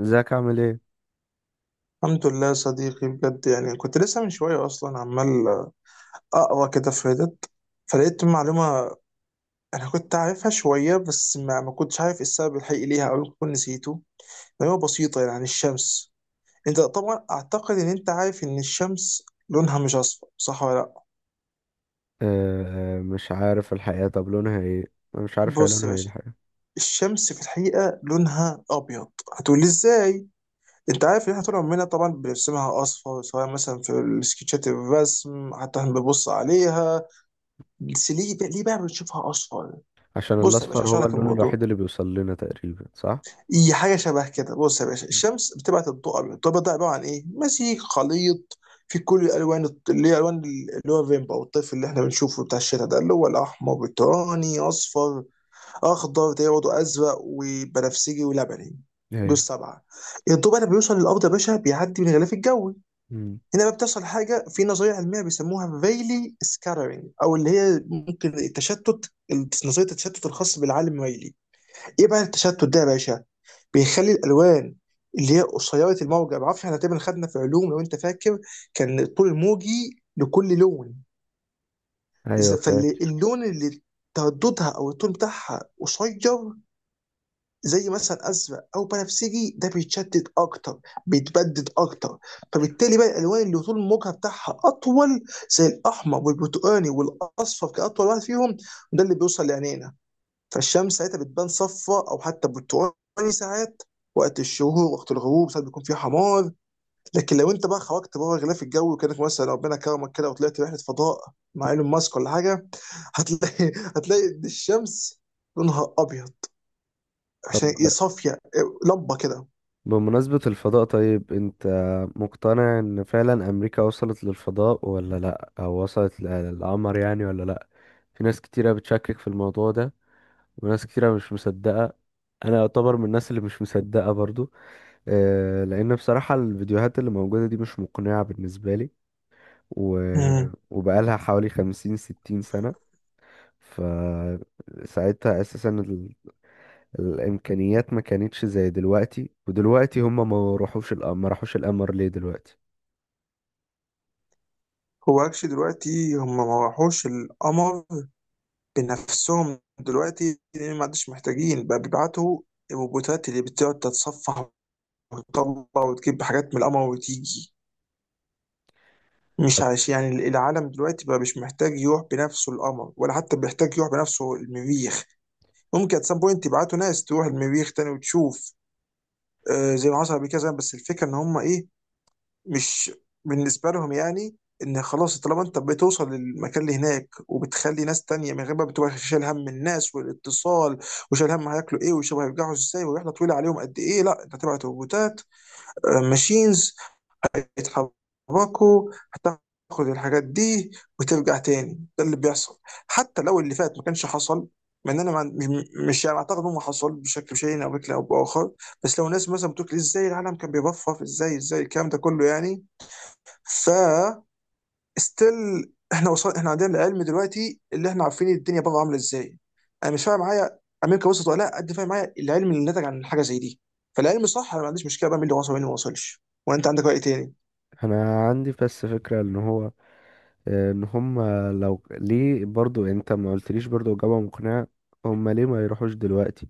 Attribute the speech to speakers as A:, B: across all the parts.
A: ازيك عامل ايه؟
B: الحمد لله يا صديقي، بجد. يعني كنت لسه من شوية أصلا عمال أقرأ كده في ريدت، فلقيت معلومة أنا كنت عارفها شوية بس ما كنتش عارف السبب الحقيقي ليها أو كنت نسيته. معلومة بسيطة يعني عن الشمس. أنت طبعا أعتقد إن أنت عارف إن الشمس لونها مش أصفر، صح ولا لأ؟
A: آه، آه، مش عارف الحقيقة. طب لونها ايه؟ أنا مش عارف هي
B: بص يا
A: لونها ايه
B: باشا،
A: الحقيقة.
B: الشمس في الحقيقة لونها أبيض. هتقولي إزاي؟ انت عارف ان احنا طول عمرنا طبعا بنرسمها اصفر، سواء مثلا في السكتشات الرسم، حتى احنا بنبص عليها. بس ليه بقى بنشوفها اصفر؟
A: عشان
B: بص يا باشا،
A: الاصفر
B: هشرح
A: هو
B: لك
A: اللون الوحيد
B: الموضوع.
A: اللي بيوصل لنا تقريبا، صح؟
B: هي حاجه شبه كده. بص يا باشا، الشمس بتبعت الضوء ابيض. الضوء ده عباره عن ايه؟ مزيج، خليط في كل الالوان، اللي هي الوان اللي هو فيمبا او الطيف اللي احنا بنشوفه بتاع الشتاء، ده اللي هو الاحمر، برتقاني، اصفر، اخضر ده برضه، ازرق، وبنفسجي، ولبني. دول
A: ايوه.
B: السبعه. الضوء بقى لما بيوصل للارض يا باشا بيعدي من الغلاف الجوي.
A: مم.
B: هنا بقى بتحصل حاجه في نظريه علميه بيسموها فيلي سكاترينج، او اللي هي ممكن التشتت، نظريه التشتت الخاص بالعالم ريلي. ايه بقى التشتت ده يا باشا؟ بيخلي الالوان اللي هي قصيره الموجه، بعرفش احنا تقريبا خدنا في علوم لو انت فاكر، كان الطول الموجي لكل لون.
A: ايوه، فاهم.
B: فاللون اللي ترددها او الطول بتاعها قصير، زي مثلا ازرق او بنفسجي، ده بيتشدد اكتر، بيتبدد اكتر. فبالتالي بقى الالوان اللي طول الموجه بتاعها اطول، زي الاحمر والبرتقاني والاصفر كاطول واحد فيهم، ده اللي بيوصل لعينينا. فالشمس ساعتها بتبان صفراء او حتى برتقاني ساعات، وقت الشهور وقت الغروب ساعات بيكون فيه حمار. لكن لو انت بقى خرجت بره غلاف الجو، كانك مثلا ربنا كرمك كده وطلعت رحله فضاء مع ايلون ماسك ولا حاجه، هتلاقي هتلاقي الشمس لونها ابيض،
A: طب،
B: عشان يصفي لمبه كده.
A: بمناسبة الفضاء، طيب انت مقتنع ان فعلا امريكا وصلت للفضاء ولا لا، او وصلت للقمر يعني ولا لا؟ في ناس كتيرة بتشكك في الموضوع ده، وناس كتيرة مش مصدقة. انا يعتبر من الناس اللي مش مصدقة برضو. آه، لان بصراحة الفيديوهات اللي موجودة دي مش مقنعة بالنسبة لي. و...
B: امم
A: وبقالها حوالي 50 60 سنة. فساعتها أساسا الإمكانيات ما كانتش زي دلوقتي. ودلوقتي هما ما راحوش القمر، ما راحوش القمر ليه دلوقتي؟
B: هو اكشلي دلوقتي هم ما راحوش القمر بنفسهم دلوقتي، لان ما عادش محتاجين بقى بيبعتوا الروبوتات اللي بتقعد تتصفح وتطلع وتجيب حاجات من القمر وتيجي. مش
A: طب،
B: عايش يعني العالم دلوقتي بقى مش محتاج يروح بنفسه القمر ولا حتى بيحتاج يروح بنفسه المريخ. ممكن ات سام بوينت يبعتوا ناس تروح المريخ تاني وتشوف، آه زي ما حصل قبل كده زمان، بس الفكره ان هم ايه، مش بالنسبه لهم يعني، ان خلاص طالما انت بتوصل للمكان اللي هناك وبتخلي ناس تانية من غير ما بتبقى شايل هم الناس والاتصال وشايل هم هياكلوا ايه وشبه هيرجعوا ازاي ورحله طويله عليهم قد ايه، لا انت هتبعت روبوتات، ماشينز يتحركوا هتاخد الحاجات دي وترجع تاني. ده اللي بيحصل، حتى لو اللي فات ما كانش حصل. مع ان انا مش يعني اعتقد انه حصل بشكل شيء او بشكل او باخر، بس لو ناس مثلا بتقول ازاي العالم كان بيبفف، ازاي ازاي الكلام ده كله يعني، ف ستيل احنا وصل، احنا عندنا العلم دلوقتي اللي احنا عارفين الدنيا بره عامله ازاي. انا مش فاهم معايا امريكا وصلت ولا لا، قد فاهم معايا العلم اللي نتج عن حاجه زي دي. فالعلم صح، انا ما عنديش مشكله بقى مين اللي وصل ومين اللي ما وصلش. وانت عندك راي تاني.
A: أنا عندي بس فكرة إن هو، إن هما، ليه برضو أنت ما قلتليش برضو إجابة مقنعة. هما ليه ما يروحوش دلوقتي؟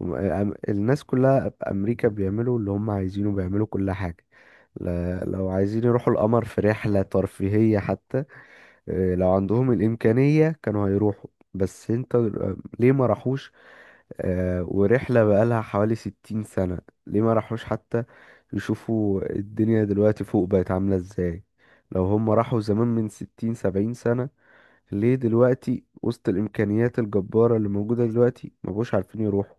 A: الناس كلها في أمريكا بيعملوا اللي هما عايزينه، بيعملوا كل حاجة. لو عايزين يروحوا القمر في رحلة ترفيهية حتى. آه، لو عندهم الإمكانية كانوا هيروحوا. بس انت ليه ما راحوش؟ آه، ورحلة بقالها حوالي 60 سنة. ليه ما راحوش حتى يشوفوا الدنيا دلوقتي فوق بقت عاملة ازاي؟ لو هم راحوا زمان من 60 70 سنة، ليه دلوقتي وسط الإمكانيات الجبارة اللي موجودة دلوقتي ما بقوش عارفين يروحوا؟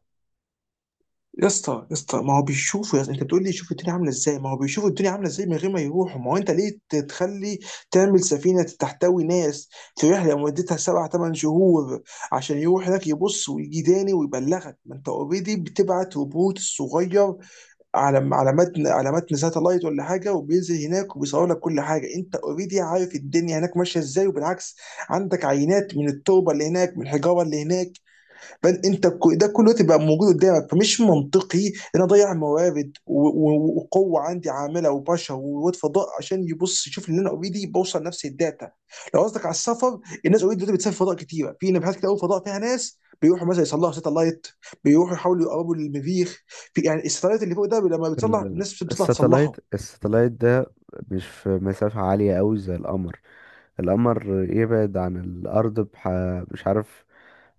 B: يا اسطى يا اسطى، ما هو بيشوفوا يا اسطى، انت بتقول لي شوف الدنيا عامله ازاي؟ ما هو بيشوفوا الدنيا عامله ازاي من غير ما يروحوا. ما هو انت ليه تتخلي تعمل سفينه تحتوي ناس في رحله مدتها سبع ثمان شهور عشان يروح هناك يبص ويجي تاني ويبلغك، ما انت اوريدي بتبعت روبوت صغير على على متن على متن ساتلايت ولا حاجه، وبينزل هناك وبيصور لك كل حاجه. انت اوريدي عارف الدنيا هناك ماشيه ازاي، وبالعكس عندك عينات من التربه اللي هناك من الحجاره اللي هناك. فانت ده كله تبقى موجود قدامك. فمش منطقي ان انا اضيع موارد وقوه عندي عامله وبشر وواد فضاء عشان يبص يشوف ان انا اوريدي بوصل نفس الداتا. لو قصدك على السفر، الناس اوريدي دلوقتي بتسافر فضاء كتيره، في نبحات كتير قوي فضاء فيها ناس بيروحوا مثلا يصلحوا ساتلايت، بيروحوا يحاولوا يقربوا للمريخ. في يعني الساتلايت اللي فوق ده لما بتصلح
A: ال-
B: الناس بتطلع
A: الساتلايت
B: تصلحه.
A: الساتلايت ده مش في مسافة عالية أوي زي القمر. القمر يبعد عن الأرض مش عارف،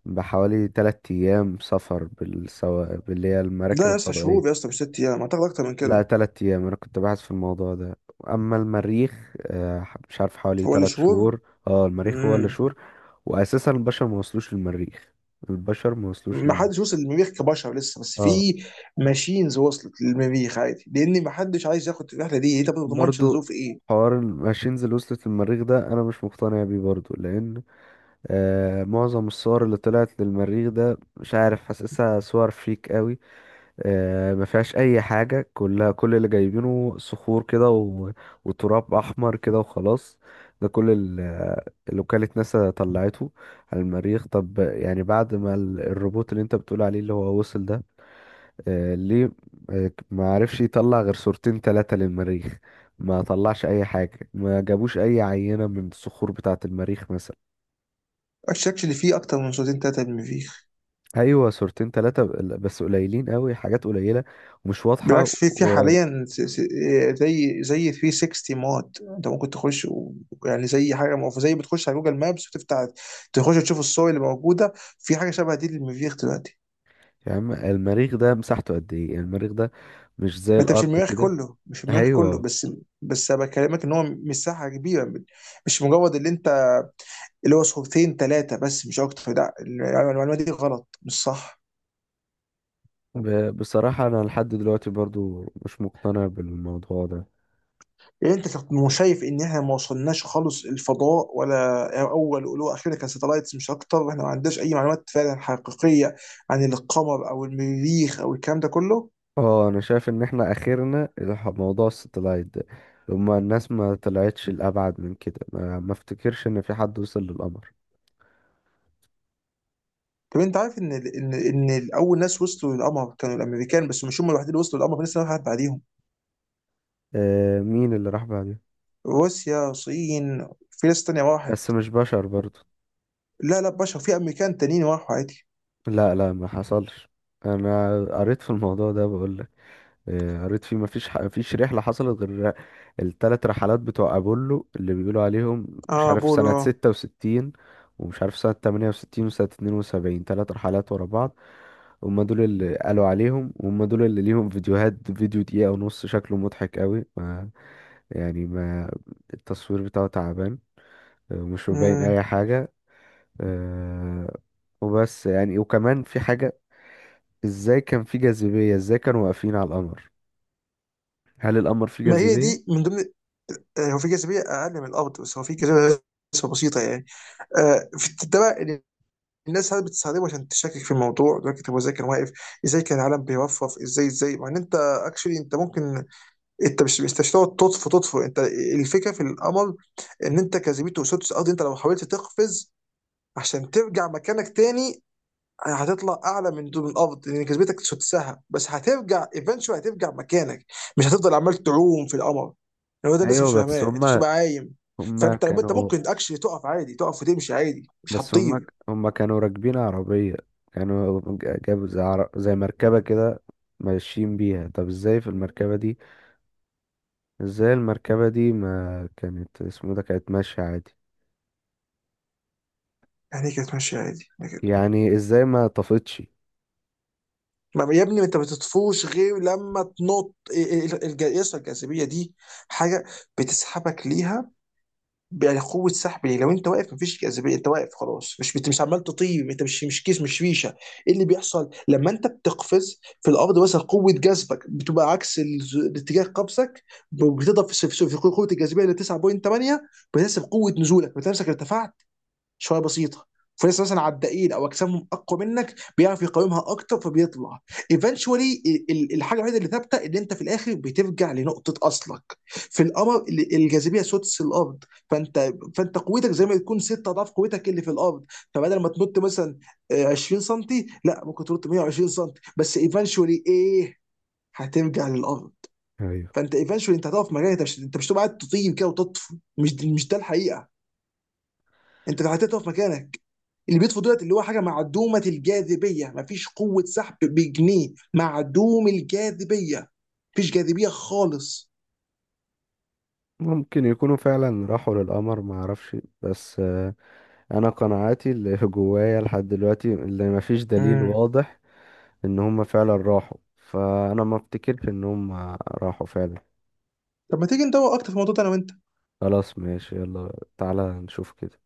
A: بحوالي 3 أيام سفر باللي هي
B: لا
A: المراكب
B: يا اسطى، شهور يا
A: الفضائية.
B: اسطى، مش ست ايام، اعتقد اكتر من
A: لا،
B: كده.
A: 3 أيام، أنا كنت باحث في الموضوع ده. أما المريخ، آه، مش عارف، حوالي
B: هو اللي
A: تلات
B: شهور.
A: شهور اه، المريخ هو اللي
B: امم
A: شهور. وأساسا البشر ما وصلوش للمريخ، البشر ما وصلوش
B: ما
A: للمريخ.
B: حدش وصل للمريخ كبشر لسه، بس في
A: اه.
B: ماشينز وصلت للمريخ عادي، لان ما حدش عايز ياخد الرحله دي، انت ما بتضمنش
A: برضو
B: الظروف ايه.
A: حوار الماشينز اللي وصلت للمريخ ده أنا مش مقتنع بيه برضو، لأن آه، معظم الصور اللي طلعت للمريخ ده، مش عارف، حاسسها صور فيك قوي. آه، ما فيهاش اي حاجه، كلها كل اللي جايبينه صخور كده وتراب احمر كده وخلاص. ده كل اللي وكالة ناسا طلعته على المريخ. طب يعني بعد ما الروبوت اللي انت بتقول عليه اللي هو وصل ده، آه، ليه آه، ما عرفش يطلع غير صورتين ثلاثة للمريخ؟ ما طلعش اي حاجة، ما جابوش اي عينة من الصخور بتاعة المريخ مثلا.
B: الشكل اللي فيه اكتر من صوتين ثلاثه للمريخ.
A: ايوه، صورتين ثلاثة، بس قليلين قوي، حاجات قليلة ومش واضحة.
B: بالعكس، في حاليا زي 360 مود انت ممكن تخش يعني زي حاجه زي بتخش على جوجل مابس وتفتح، تخش تشوف الصور اللي موجوده. في حاجه شبه دي للمريخ دلوقتي.
A: يا عم، المريخ ده مساحته قد ايه؟ يعني المريخ ده مش زي
B: ما انت مش
A: الارض
B: المريخ
A: كده.
B: كله، مش المريخ كله
A: ايوه.
B: بس، بس انا بكلمك ان هو مساحه كبيره، مش مجرد اللي انت اللي هو صورتين ثلاثه بس، مش اكتر. لا، المعلومه دي غلط، مش صح.
A: بصراحة انا لحد دلوقتي برضو مش مقتنع بالموضوع ده.
B: يعني انت مش شايف ان احنا ما وصلناش خالص الفضاء ولا اول ولو اخيرا كساتلايتس مش اكتر، واحنا ما عندناش اي معلومات فعلا حقيقيه عن القمر او المريخ او الكلام ده كله؟
A: اه، انا شايف ان احنا اخرنا موضوع الستلايت ده. هما الناس ما طلعتش الابعد من كده، ما افتكرش ان في حد وصل للقمر.
B: طب انت عارف ان اول ناس وصلوا للقمر كانوا الامريكان، بس مش هم الوحيدين اللي وصلوا للقمر، في ناس واحد بعديهم.
A: آه، مين اللي راح بعده؟
B: روسيا، الصين، في ناس تانية راحت.
A: بس مش بشر برضو.
B: لا لا بشر، في امريكان تانيين راحوا عادي.
A: لا، لا، ما حصلش. انا قريت في الموضوع ده، بقول آه، قريت فيه مفيش رحلة حصلت غير التلات رحلات بتوع أبولو اللي بيقولوا عليهم مش
B: اه
A: عارف
B: بولو
A: سنة
B: اه.
A: 66، ومش عارف سنة 68 وسنة 72، 3 رحلات ورا بعض. هما دول اللي قالوا عليهم، وهم دول اللي ليهم فيديوهات، فيديو دقيقة ونص شكله مضحك قوي. ما التصوير بتاعه تعبان. آه، ومش مبين
B: مم.
A: أي حاجة. آه، وبس يعني وكمان في حاجة. ازاي كان في جاذبية؟ ازاي كانوا واقفين على القمر؟ هل القمر فيه
B: ما هي
A: جاذبية؟
B: دي من ضمن، هو في جاذبيه اقل من الارض بس هو في جاذبيه، بس بسيطه يعني. في ده بقى اللي الناس ساعات بتستخدمه عشان تشكك في الموضوع دلوقتي. طب ازاي كان واقف؟ ازاي كان العالم بيرفرف؟ ازاي؟ مع ان انت اكشلي انت ممكن، انت مش تقعد تطفو تطفو انت. الفكره في القمر ان انت جاذبيته سدس الارض. انت لو حاولت تقفز عشان ترجع مكانك تاني، هتطلع اعلى من دول من الارض لان كسبتك تسدسها، بس هترجع ايفنشوال هترجع مكانك. مش هتفضل عمال تعوم في القمر. يعني هو ده الناس
A: ايوه،
B: مش فاهماه، انت مش تبقى عايم.
A: هما
B: فانت لما انت
A: كانوا
B: ممكن اكشلي تقف عادي، تقف وتمشي عادي، مش
A: بس هما
B: هتطير.
A: هما كانوا راكبين عربية. كانوا جابوا زي مركبة كده ماشيين بيها. طب ازاي في المركبة دي؟ ازاي المركبة دي ما كانت اسمه ده، كانت ماشية عادي؟
B: يعني إيه كانت ماشيه عادي يعني كده؟
A: يعني ازاي ما طفتش؟
B: يا ابني، انت ما بتطفوش غير لما تنط يسرى الجاذبيه دي، حاجه بتسحبك ليها، يعني قوه سحب. ليه لو انت واقف مفيش جاذبيه، انت واقف خلاص، مش مش عمال تطير، انت مش كيس، مش ريشه. ايه اللي بيحصل لما انت بتقفز في الارض مثلا؟ قوه جذبك بتبقى عكس اتجاه قفزك، بتضرب في قوه الجاذبيه اللي 9.8، بتحسب قوه نزولك، بتحسب ارتفعت شويه بسيطه. فلسه مثلا على الدقيق او اجسامهم اقوى منك، بيعرف يقاومها اكتر فبيطلع ايفنشولي. الحاجه الوحيده اللي ثابته ان انت في الاخر بترجع لنقطه اصلك. في القمر الجاذبيه سدس الارض، فانت قوتك زي ما تكون ست اضعاف قوتك اللي في الارض. فبدل ما تنط مثلا 20 سم، لا ممكن تنط 120 سم. بس ايفنشولي ايه؟ هترجع للارض.
A: ايوه.
B: فانت ايفنشولي انت هتقف في مكانك، انت مش هتبقى قاعد تطير كده وتطفو. مش ده الحقيقه، انت لو هتقدر تقف مكانك. اللي بيطفو دولت اللي هو حاجه معدومه الجاذبيه، مفيش قوه سحب بجنيه، معدوم الجاذبيه، مفيش جاذبيه خالص.
A: ممكن يكونوا فعلا راحوا للقمر، ما اعرفش. بس آه، انا قناعاتي اللي جوايا لحد دلوقتي اللي ما فيش دليل
B: امم
A: واضح ان هما فعلا راحوا، فانا ما افتكرش ان هما راحوا فعلا.
B: طب ما تيجي ندور اكتر في الموضوع ده انا وانت.
A: خلاص، ماشي، يلا تعالى نشوف كده.